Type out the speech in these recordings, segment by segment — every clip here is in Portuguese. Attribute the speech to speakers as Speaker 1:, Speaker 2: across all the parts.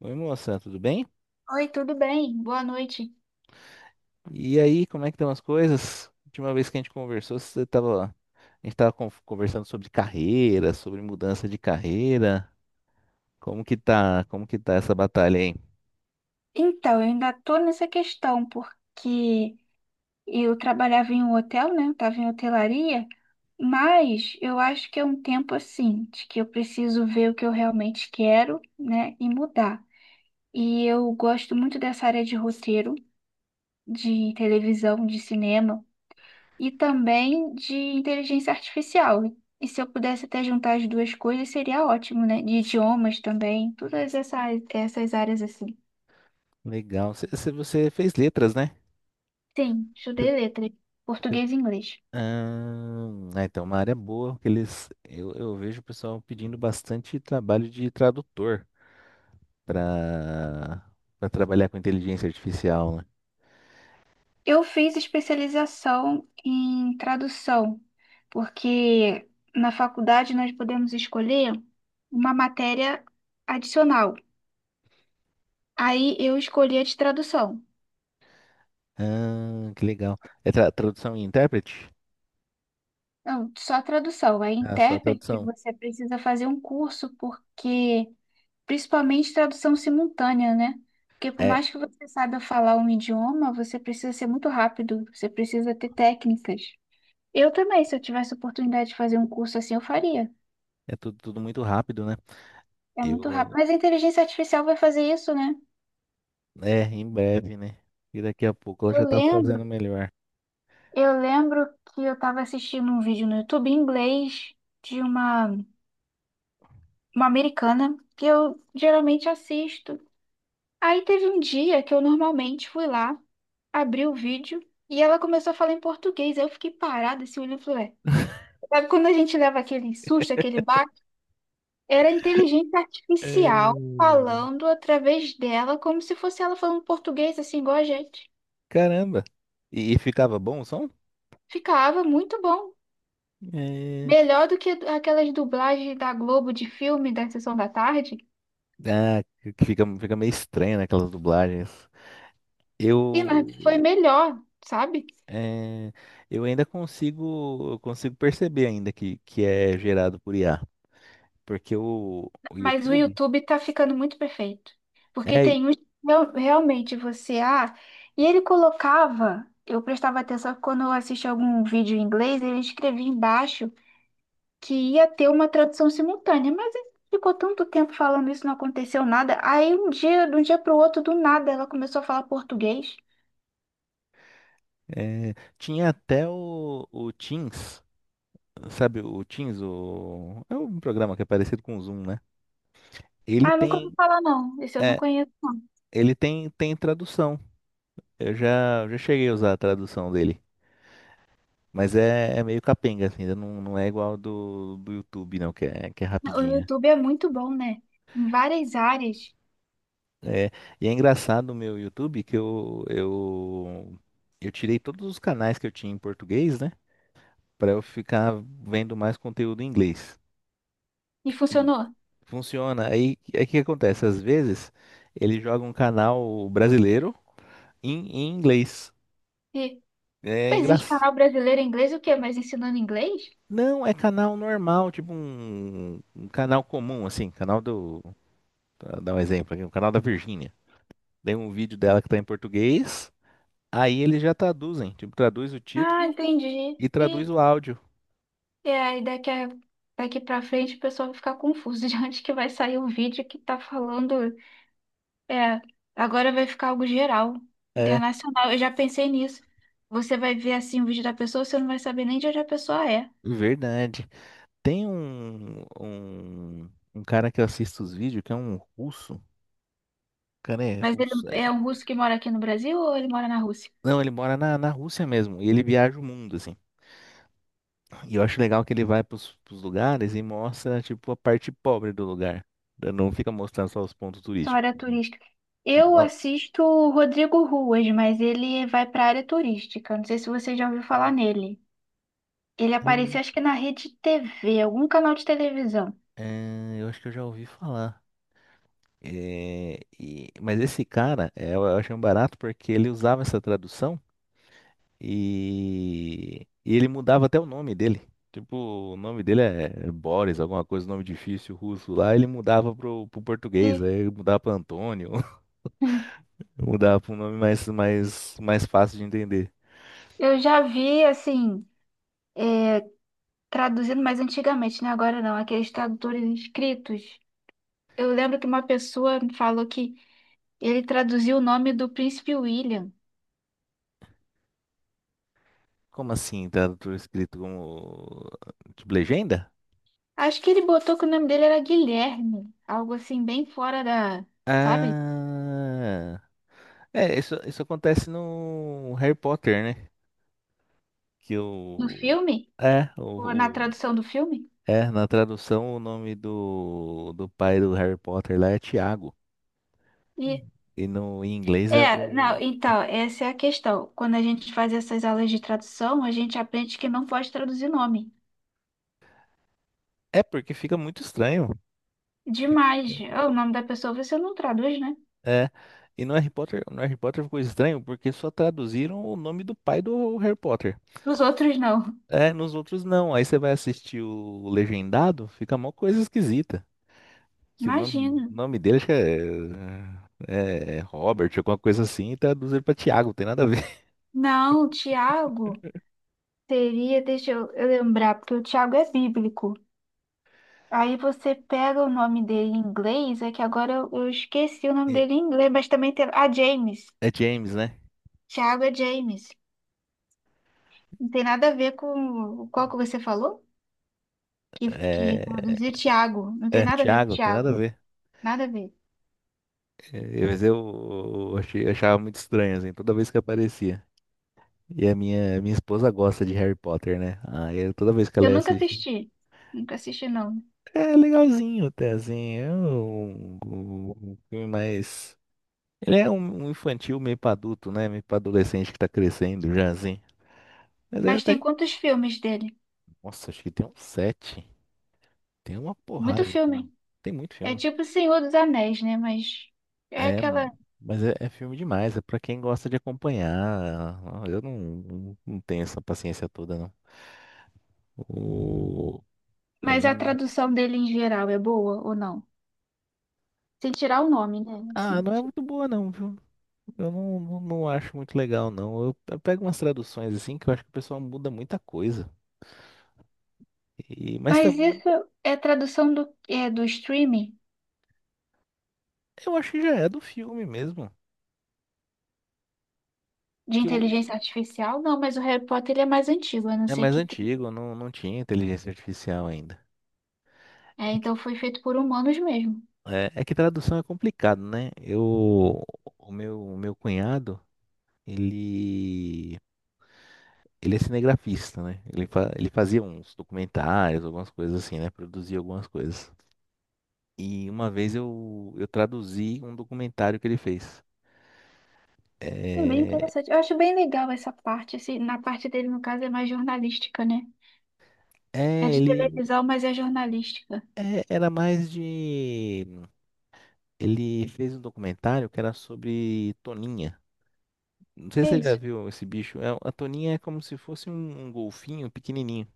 Speaker 1: Oi, moça, tudo bem?
Speaker 2: Oi, tudo bem? Boa noite.
Speaker 1: E aí, como é que estão as coisas? Última vez que a gente conversou, você tava, a gente tava conversando sobre carreira, sobre mudança de carreira. Como que tá essa batalha aí?
Speaker 2: Então, eu ainda tô nessa questão, porque eu trabalhava em um hotel, né? Eu tava em hotelaria, mas eu acho que é um tempo assim, de que eu preciso ver o que eu realmente quero, né? E mudar. E eu gosto muito dessa área de roteiro, de televisão, de cinema e também de inteligência artificial. E se eu pudesse até juntar as duas coisas, seria ótimo, né? De idiomas também, essas áreas assim.
Speaker 1: Legal. Você fez letras, né?
Speaker 2: Sim,
Speaker 1: Você-
Speaker 2: estudei letras,
Speaker 1: você-
Speaker 2: português e inglês.
Speaker 1: então, uma área boa que eles, eu vejo o pessoal pedindo bastante trabalho de tradutor para para trabalhar com inteligência artificial, né?
Speaker 2: Eu fiz especialização em tradução, porque na faculdade nós podemos escolher uma matéria adicional. Aí eu escolhi a de tradução.
Speaker 1: Ah, que legal. É tradução e intérprete?
Speaker 2: Não, só tradução. Aí,
Speaker 1: Ah, só a
Speaker 2: intérprete,
Speaker 1: tradução.
Speaker 2: você precisa fazer um curso, porque, principalmente tradução simultânea, né? Porque por
Speaker 1: É,
Speaker 2: mais que você saiba falar um idioma, você precisa ser muito rápido, você precisa ter técnicas. Eu também, se eu tivesse oportunidade de fazer um curso assim, eu faria.
Speaker 1: é tudo, tudo muito rápido, né?
Speaker 2: É muito
Speaker 1: Eu,
Speaker 2: rápido. Mas a inteligência artificial vai fazer isso, né?
Speaker 1: é, em breve, né? E daqui a pouco ela
Speaker 2: Eu
Speaker 1: já tá
Speaker 2: lembro,
Speaker 1: fazendo melhor.
Speaker 2: eu lembro que eu estava assistindo um vídeo no YouTube em inglês de uma, uma americana que eu geralmente assisto. Aí teve um dia que eu normalmente fui lá, abri o vídeo e ela começou a falar em português. Aí eu fiquei parada, assim, olhando e falei, "Ué, sabe quando a gente leva aquele susto, aquele Era inteligência
Speaker 1: É.
Speaker 2: artificial falando através dela, como se fosse ela falando português, assim, igual a gente.
Speaker 1: Caramba! E ficava bom o som?
Speaker 2: Ficava muito bom.
Speaker 1: É...
Speaker 2: Melhor do que aquelas dublagens da Globo de filme da Sessão da Tarde.
Speaker 1: Ah, que fica, fica meio estranho, né, aquelas dublagens.
Speaker 2: E mas foi
Speaker 1: Eu,
Speaker 2: melhor, sabe?
Speaker 1: é, eu ainda consigo, eu consigo perceber ainda que é gerado por IA, porque o
Speaker 2: Mas o
Speaker 1: YouTube
Speaker 2: YouTube tá ficando muito perfeito. Porque
Speaker 1: é,
Speaker 2: tem uns que realmente você. Ah, e ele colocava. Eu prestava atenção que quando eu assistia algum vídeo em inglês, ele escrevia embaixo. Que ia ter uma tradução simultânea, mas aí ficou tanto tempo falando isso, não aconteceu nada. Aí um dia, de um dia para o outro, do nada, ela começou a falar português.
Speaker 1: é, tinha até o Teams. Sabe o Teams, o... é um programa que é parecido com o Zoom, né? Ele
Speaker 2: Ah, nunca ouvi
Speaker 1: tem,
Speaker 2: falar não. Esse eu não
Speaker 1: é,
Speaker 2: conheço não.
Speaker 1: ele tem, tem tradução. Já cheguei a usar a tradução dele. Mas é, é meio capenga, assim, ainda não, não é igual do YouTube, não, que é
Speaker 2: O
Speaker 1: rapidinha.
Speaker 2: YouTube é muito bom, né? Em várias áreas.
Speaker 1: É, e é engraçado o meu YouTube que eu tirei todos os canais que eu tinha em português, né? Pra eu ficar vendo mais conteúdo em inglês.
Speaker 2: E
Speaker 1: E
Speaker 2: funcionou.
Speaker 1: funciona. Aí o que acontece? Às vezes ele joga um canal brasileiro em inglês.
Speaker 2: E
Speaker 1: É
Speaker 2: existe
Speaker 1: engraçado.
Speaker 2: canal brasileiro em inglês o quê? Mas ensinando inglês?
Speaker 1: Não, é canal normal, tipo um canal comum, assim, canal do. Pra dar um exemplo aqui, o canal da Virgínia. Tem um vídeo dela que tá em português, aí eles já traduzem, tipo, traduz o
Speaker 2: Ah,
Speaker 1: título
Speaker 2: entendi.
Speaker 1: e traduz
Speaker 2: E,
Speaker 1: o áudio.
Speaker 2: e aí daqui a, daqui para frente o pessoal vai ficar confuso de onde que vai sair o vídeo que tá falando. É, agora vai ficar algo geral,
Speaker 1: É,
Speaker 2: internacional. Eu já pensei nisso. Você vai ver assim o vídeo da pessoa, você não vai saber nem de onde a pessoa é.
Speaker 1: verdade. Tem um cara que eu assisto os vídeos, que é um russo. O cara é
Speaker 2: Mas ele
Speaker 1: russo, é.
Speaker 2: é um russo que mora aqui no Brasil ou ele mora na Rússia?
Speaker 1: Não, ele mora na Rússia mesmo, e ele viaja o mundo, assim. E eu acho legal que ele vai pros lugares e mostra, tipo, a parte pobre do lugar. Não fica mostrando só os pontos
Speaker 2: Só
Speaker 1: turísticos.
Speaker 2: área turística. Eu
Speaker 1: Mo-
Speaker 2: assisto o Rodrigo Ruas, mas ele vai para área turística. Não sei se você já ouviu falar nele. Ele
Speaker 1: Hum.
Speaker 2: apareceu, acho que na rede TV, algum canal de televisão.
Speaker 1: É, eu acho que eu já ouvi falar. É, mas esse cara, é, eu achei um barato porque ele usava essa tradução e ele mudava até o nome dele. Tipo, o nome dele é é Boris, alguma coisa, nome difícil russo lá. Ele mudava pro português,
Speaker 2: E
Speaker 1: aí mudava pra Antônio, mudava pra um nome mais, mais fácil de entender.
Speaker 2: eu já vi, assim, traduzindo, mas antigamente, né? Agora não, aqueles tradutores inscritos. Eu lembro que uma pessoa falou que ele traduziu o nome do príncipe William.
Speaker 1: Como assim? Tá tudo escrito como tipo legenda?
Speaker 2: Acho que ele botou que o nome dele era Guilherme, algo assim bem fora da, sabe?
Speaker 1: Ah, é, isso acontece no Harry Potter, né? Que
Speaker 2: No
Speaker 1: o
Speaker 2: filme,
Speaker 1: é,
Speaker 2: ou na tradução do filme.
Speaker 1: é, na tradução o nome do pai do Harry Potter lá é Tiago.
Speaker 2: E
Speaker 1: E no em inglês é
Speaker 2: é, não,
Speaker 1: algum...
Speaker 2: então, essa é a questão. Quando a gente faz essas aulas de tradução, a gente aprende que não pode traduzir nome.
Speaker 1: É porque fica muito estranho.
Speaker 2: Demais. Ah, o nome da pessoa você não traduz, né?
Speaker 1: É. E no Harry Potter, no Harry Potter ficou estranho porque só traduziram o nome do pai do Harry Potter.
Speaker 2: Os outros não.
Speaker 1: É, nos outros não. Aí você vai assistir o legendado, fica uma coisa esquisita. Que
Speaker 2: Imagina.
Speaker 1: o nome dele acho que é, é é Robert, alguma coisa assim, e traduz ele pra Tiago, não tem nada a ver.
Speaker 2: Não, Tiago seria, deixa eu lembrar, porque o Tiago é bíblico. Aí você pega o nome dele em inglês, é que agora eu esqueci o nome
Speaker 1: É,
Speaker 2: dele em inglês, mas também tem. Ah, James.
Speaker 1: é James, né?
Speaker 2: Thiago é James. Não tem nada a ver com qual que você falou? Que
Speaker 1: É,
Speaker 2: traduzir Thiago. Não tem
Speaker 1: é
Speaker 2: nada a ver com
Speaker 1: Tiago, não tem nada a
Speaker 2: Thiago.
Speaker 1: ver.
Speaker 2: Nada a ver.
Speaker 1: É, mas achei, achava muito estranho, assim, toda vez que aparecia. E a minha esposa gosta de Harry Potter, né? Aí toda vez que ela
Speaker 2: Eu
Speaker 1: ia
Speaker 2: nunca
Speaker 1: assistir.
Speaker 2: assisti. Nunca assisti, não.
Speaker 1: É legalzinho até, assim. É um, um um filme mais. Ele é um, um infantil meio pra adulto, né? Meio pra adolescente que tá crescendo já, assim. Mas é
Speaker 2: Mas tem
Speaker 1: até.
Speaker 2: quantos filmes dele?
Speaker 1: Nossa, acho que tem uns sete. Tem uma
Speaker 2: Muito
Speaker 1: porrada de filme.
Speaker 2: filme.
Speaker 1: Tem muito
Speaker 2: É
Speaker 1: filme.
Speaker 2: tipo Senhor dos Anéis, né? Mas é
Speaker 1: É,
Speaker 2: aquela.
Speaker 1: mas é, é filme demais. É pra quem gosta de acompanhar. Eu não, não, não tenho essa paciência toda, não. O... pra
Speaker 2: Mas a
Speaker 1: mim...
Speaker 2: tradução dele em geral é boa ou não? Sem tirar o nome, né?
Speaker 1: Ah,
Speaker 2: Assim.
Speaker 1: não é muito boa, não, viu? Eu não, não, não acho muito legal, não. Eu pego umas traduções assim que eu acho que o pessoal muda muita coisa. E, mas
Speaker 2: Mas isso é tradução do, é, do streaming
Speaker 1: eu acho que já é do filme mesmo.
Speaker 2: de
Speaker 1: Que eu...
Speaker 2: inteligência artificial? Não, mas o Harry Potter ele é mais antigo, eu não
Speaker 1: É
Speaker 2: sei
Speaker 1: mais
Speaker 2: que tem.
Speaker 1: antigo, não, não tinha inteligência artificial ainda.
Speaker 2: É,
Speaker 1: É que,
Speaker 2: então foi feito por humanos mesmo.
Speaker 1: é, é que tradução é complicado, né? Eu, o meu cunhado, ele, ele é cinegrafista, né? Ele, ele fazia uns documentários, algumas coisas assim, né? Produzia algumas coisas. E uma vez eu traduzi um documentário que ele fez.
Speaker 2: E bem
Speaker 1: É,
Speaker 2: interessante. Eu acho bem legal essa parte. Assim, na parte dele, no caso, é mais jornalística, né? É
Speaker 1: é
Speaker 2: de
Speaker 1: ele
Speaker 2: televisão, mas é jornalística.
Speaker 1: é, era mais de. Ele fez um documentário que era sobre Toninha. Não sei
Speaker 2: Que
Speaker 1: se
Speaker 2: é
Speaker 1: você já
Speaker 2: isso?
Speaker 1: viu esse bicho. É, a toninha é como se fosse um golfinho pequenininho.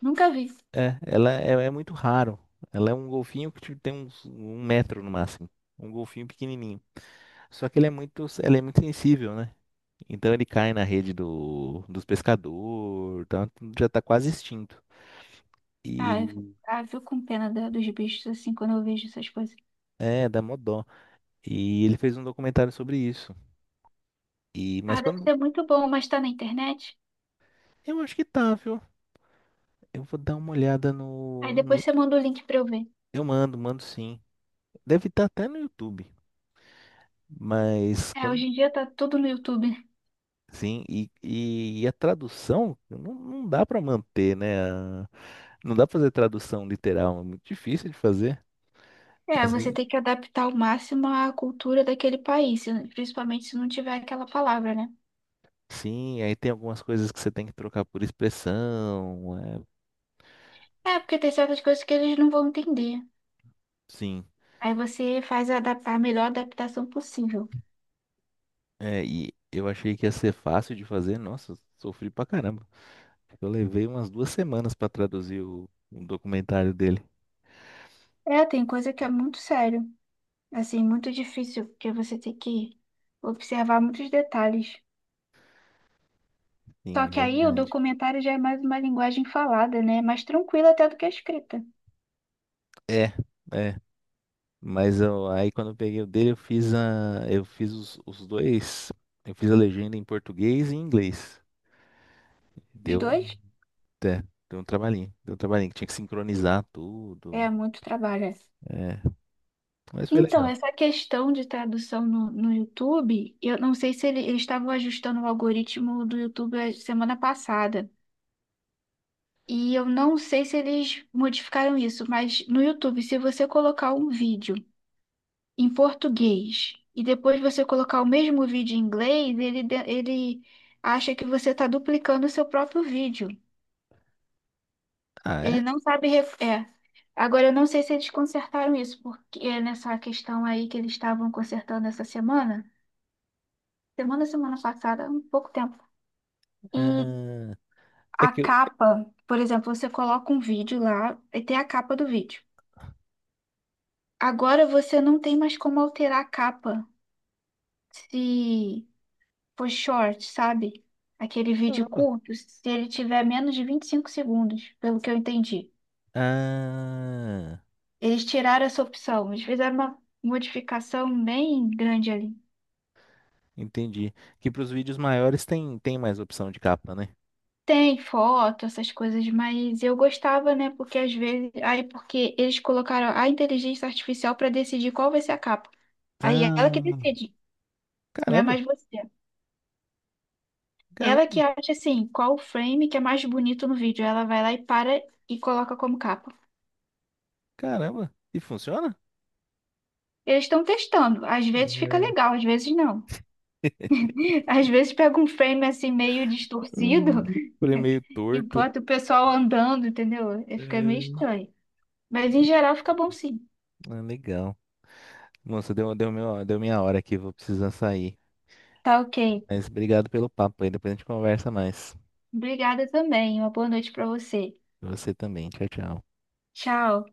Speaker 2: Nunca vi.
Speaker 1: É, ela é, é muito raro. Ela é um golfinho que tipo, tem uns, um metro no máximo. Um golfinho pequenininho. Só que ele é muito, ela é muito sensível, né? Então ele cai na rede dos pescadores, tá? Já tá quase extinto. E
Speaker 2: Ah, eu com pena dos bichos, assim, quando eu vejo essas coisas.
Speaker 1: é, dá mó dó. E ele fez um documentário sobre isso. E mas
Speaker 2: Ah, deve
Speaker 1: quando
Speaker 2: ser muito bom, mas tá na internet.
Speaker 1: eu acho que tá, viu? Eu vou dar uma olhada
Speaker 2: Aí depois você manda o link pra eu ver.
Speaker 1: eu mando, mando sim. Deve estar até no YouTube. Mas
Speaker 2: É,
Speaker 1: quando
Speaker 2: hoje em dia tá tudo no YouTube.
Speaker 1: sim, e a tradução não, não dá para manter, né? a... não dá pra fazer tradução literal, é muito difícil de fazer.
Speaker 2: É,
Speaker 1: Às
Speaker 2: você
Speaker 1: ve-
Speaker 2: tem que adaptar ao máximo à cultura daquele país, principalmente se não tiver aquela palavra, né?
Speaker 1: sim, aí tem algumas coisas que você tem que trocar por expressão, é,
Speaker 2: É, porque tem certas coisas que eles não vão entender.
Speaker 1: sim.
Speaker 2: Aí você faz a, a melhor adaptação possível.
Speaker 1: É, e eu achei que ia ser fácil de fazer, nossa, eu sofri pra caramba. Eu levei umas duas semanas para traduzir o documentário dele.
Speaker 2: É, tem coisa que é muito sério, assim, muito difícil, porque você tem que observar muitos detalhes. Só
Speaker 1: Sim,
Speaker 2: que aí o
Speaker 1: verdade.
Speaker 2: documentário já é mais uma linguagem falada, né? Mais tranquila até do que a escrita.
Speaker 1: É, é. Mas eu, aí quando eu peguei o dele, eu fiz a, eu fiz os dois, eu fiz a legenda em português e em inglês.
Speaker 2: Os
Speaker 1: Deu,
Speaker 2: dois
Speaker 1: é, deu um trabalhinho que tinha que sincronizar
Speaker 2: é
Speaker 1: tudo.
Speaker 2: muito trabalho. É.
Speaker 1: É, mas foi
Speaker 2: Então,
Speaker 1: legal.
Speaker 2: essa questão de tradução no YouTube, eu não sei se eles estavam ajustando o algoritmo do YouTube a semana passada. E eu não sei se eles modificaram isso, mas no YouTube, se você colocar um vídeo em português e depois você colocar o mesmo vídeo em inglês, ele, ele acha que você está duplicando o seu próprio vídeo.
Speaker 1: Ah,
Speaker 2: Ele
Speaker 1: é?
Speaker 2: não sabe. É. Agora, eu não sei se eles consertaram isso, porque é nessa questão aí que eles estavam consertando essa semana. Semana passada, um pouco tempo. E
Speaker 1: Ah, é
Speaker 2: a
Speaker 1: que eu,
Speaker 2: capa, por exemplo, você coloca um vídeo lá e tem a capa do vídeo. Agora você não tem mais como alterar a capa. Se for short, sabe? Aquele vídeo
Speaker 1: caramba.
Speaker 2: curto, se ele tiver menos de 25 segundos, pelo que eu entendi.
Speaker 1: Ah,
Speaker 2: Eles tiraram essa opção, eles fizeram uma modificação bem grande ali.
Speaker 1: entendi. Que para os vídeos maiores tem tem mais opção de capa, né?
Speaker 2: Tem foto, essas coisas, mas eu gostava, né? Porque às vezes. Aí, porque eles colocaram a inteligência artificial para decidir qual vai ser a capa. Aí é ela que
Speaker 1: Ah,
Speaker 2: decide, não é
Speaker 1: caramba,
Speaker 2: mais você. Ela
Speaker 1: caramba,
Speaker 2: que acha, assim, qual o frame que é mais bonito no vídeo. Ela vai lá e para e coloca como capa.
Speaker 1: caramba. E funciona?
Speaker 2: Eles estão testando. Às vezes fica
Speaker 1: É.
Speaker 2: legal, às vezes não. Às vezes pega um frame, assim, meio distorcido
Speaker 1: Falei meio
Speaker 2: e
Speaker 1: torto.
Speaker 2: bota o pessoal andando, entendeu? Aí fica meio
Speaker 1: É.
Speaker 2: estranho. Mas em geral fica bom sim.
Speaker 1: Ah, legal. Nossa, deu, deu, meu, deu minha hora aqui, vou precisar sair.
Speaker 2: Tá ok.
Speaker 1: Mas obrigado pelo papo aí, depois a gente conversa mais.
Speaker 2: Obrigada também. Uma boa noite para você.
Speaker 1: Você também, tchau, tchau.
Speaker 2: Tchau.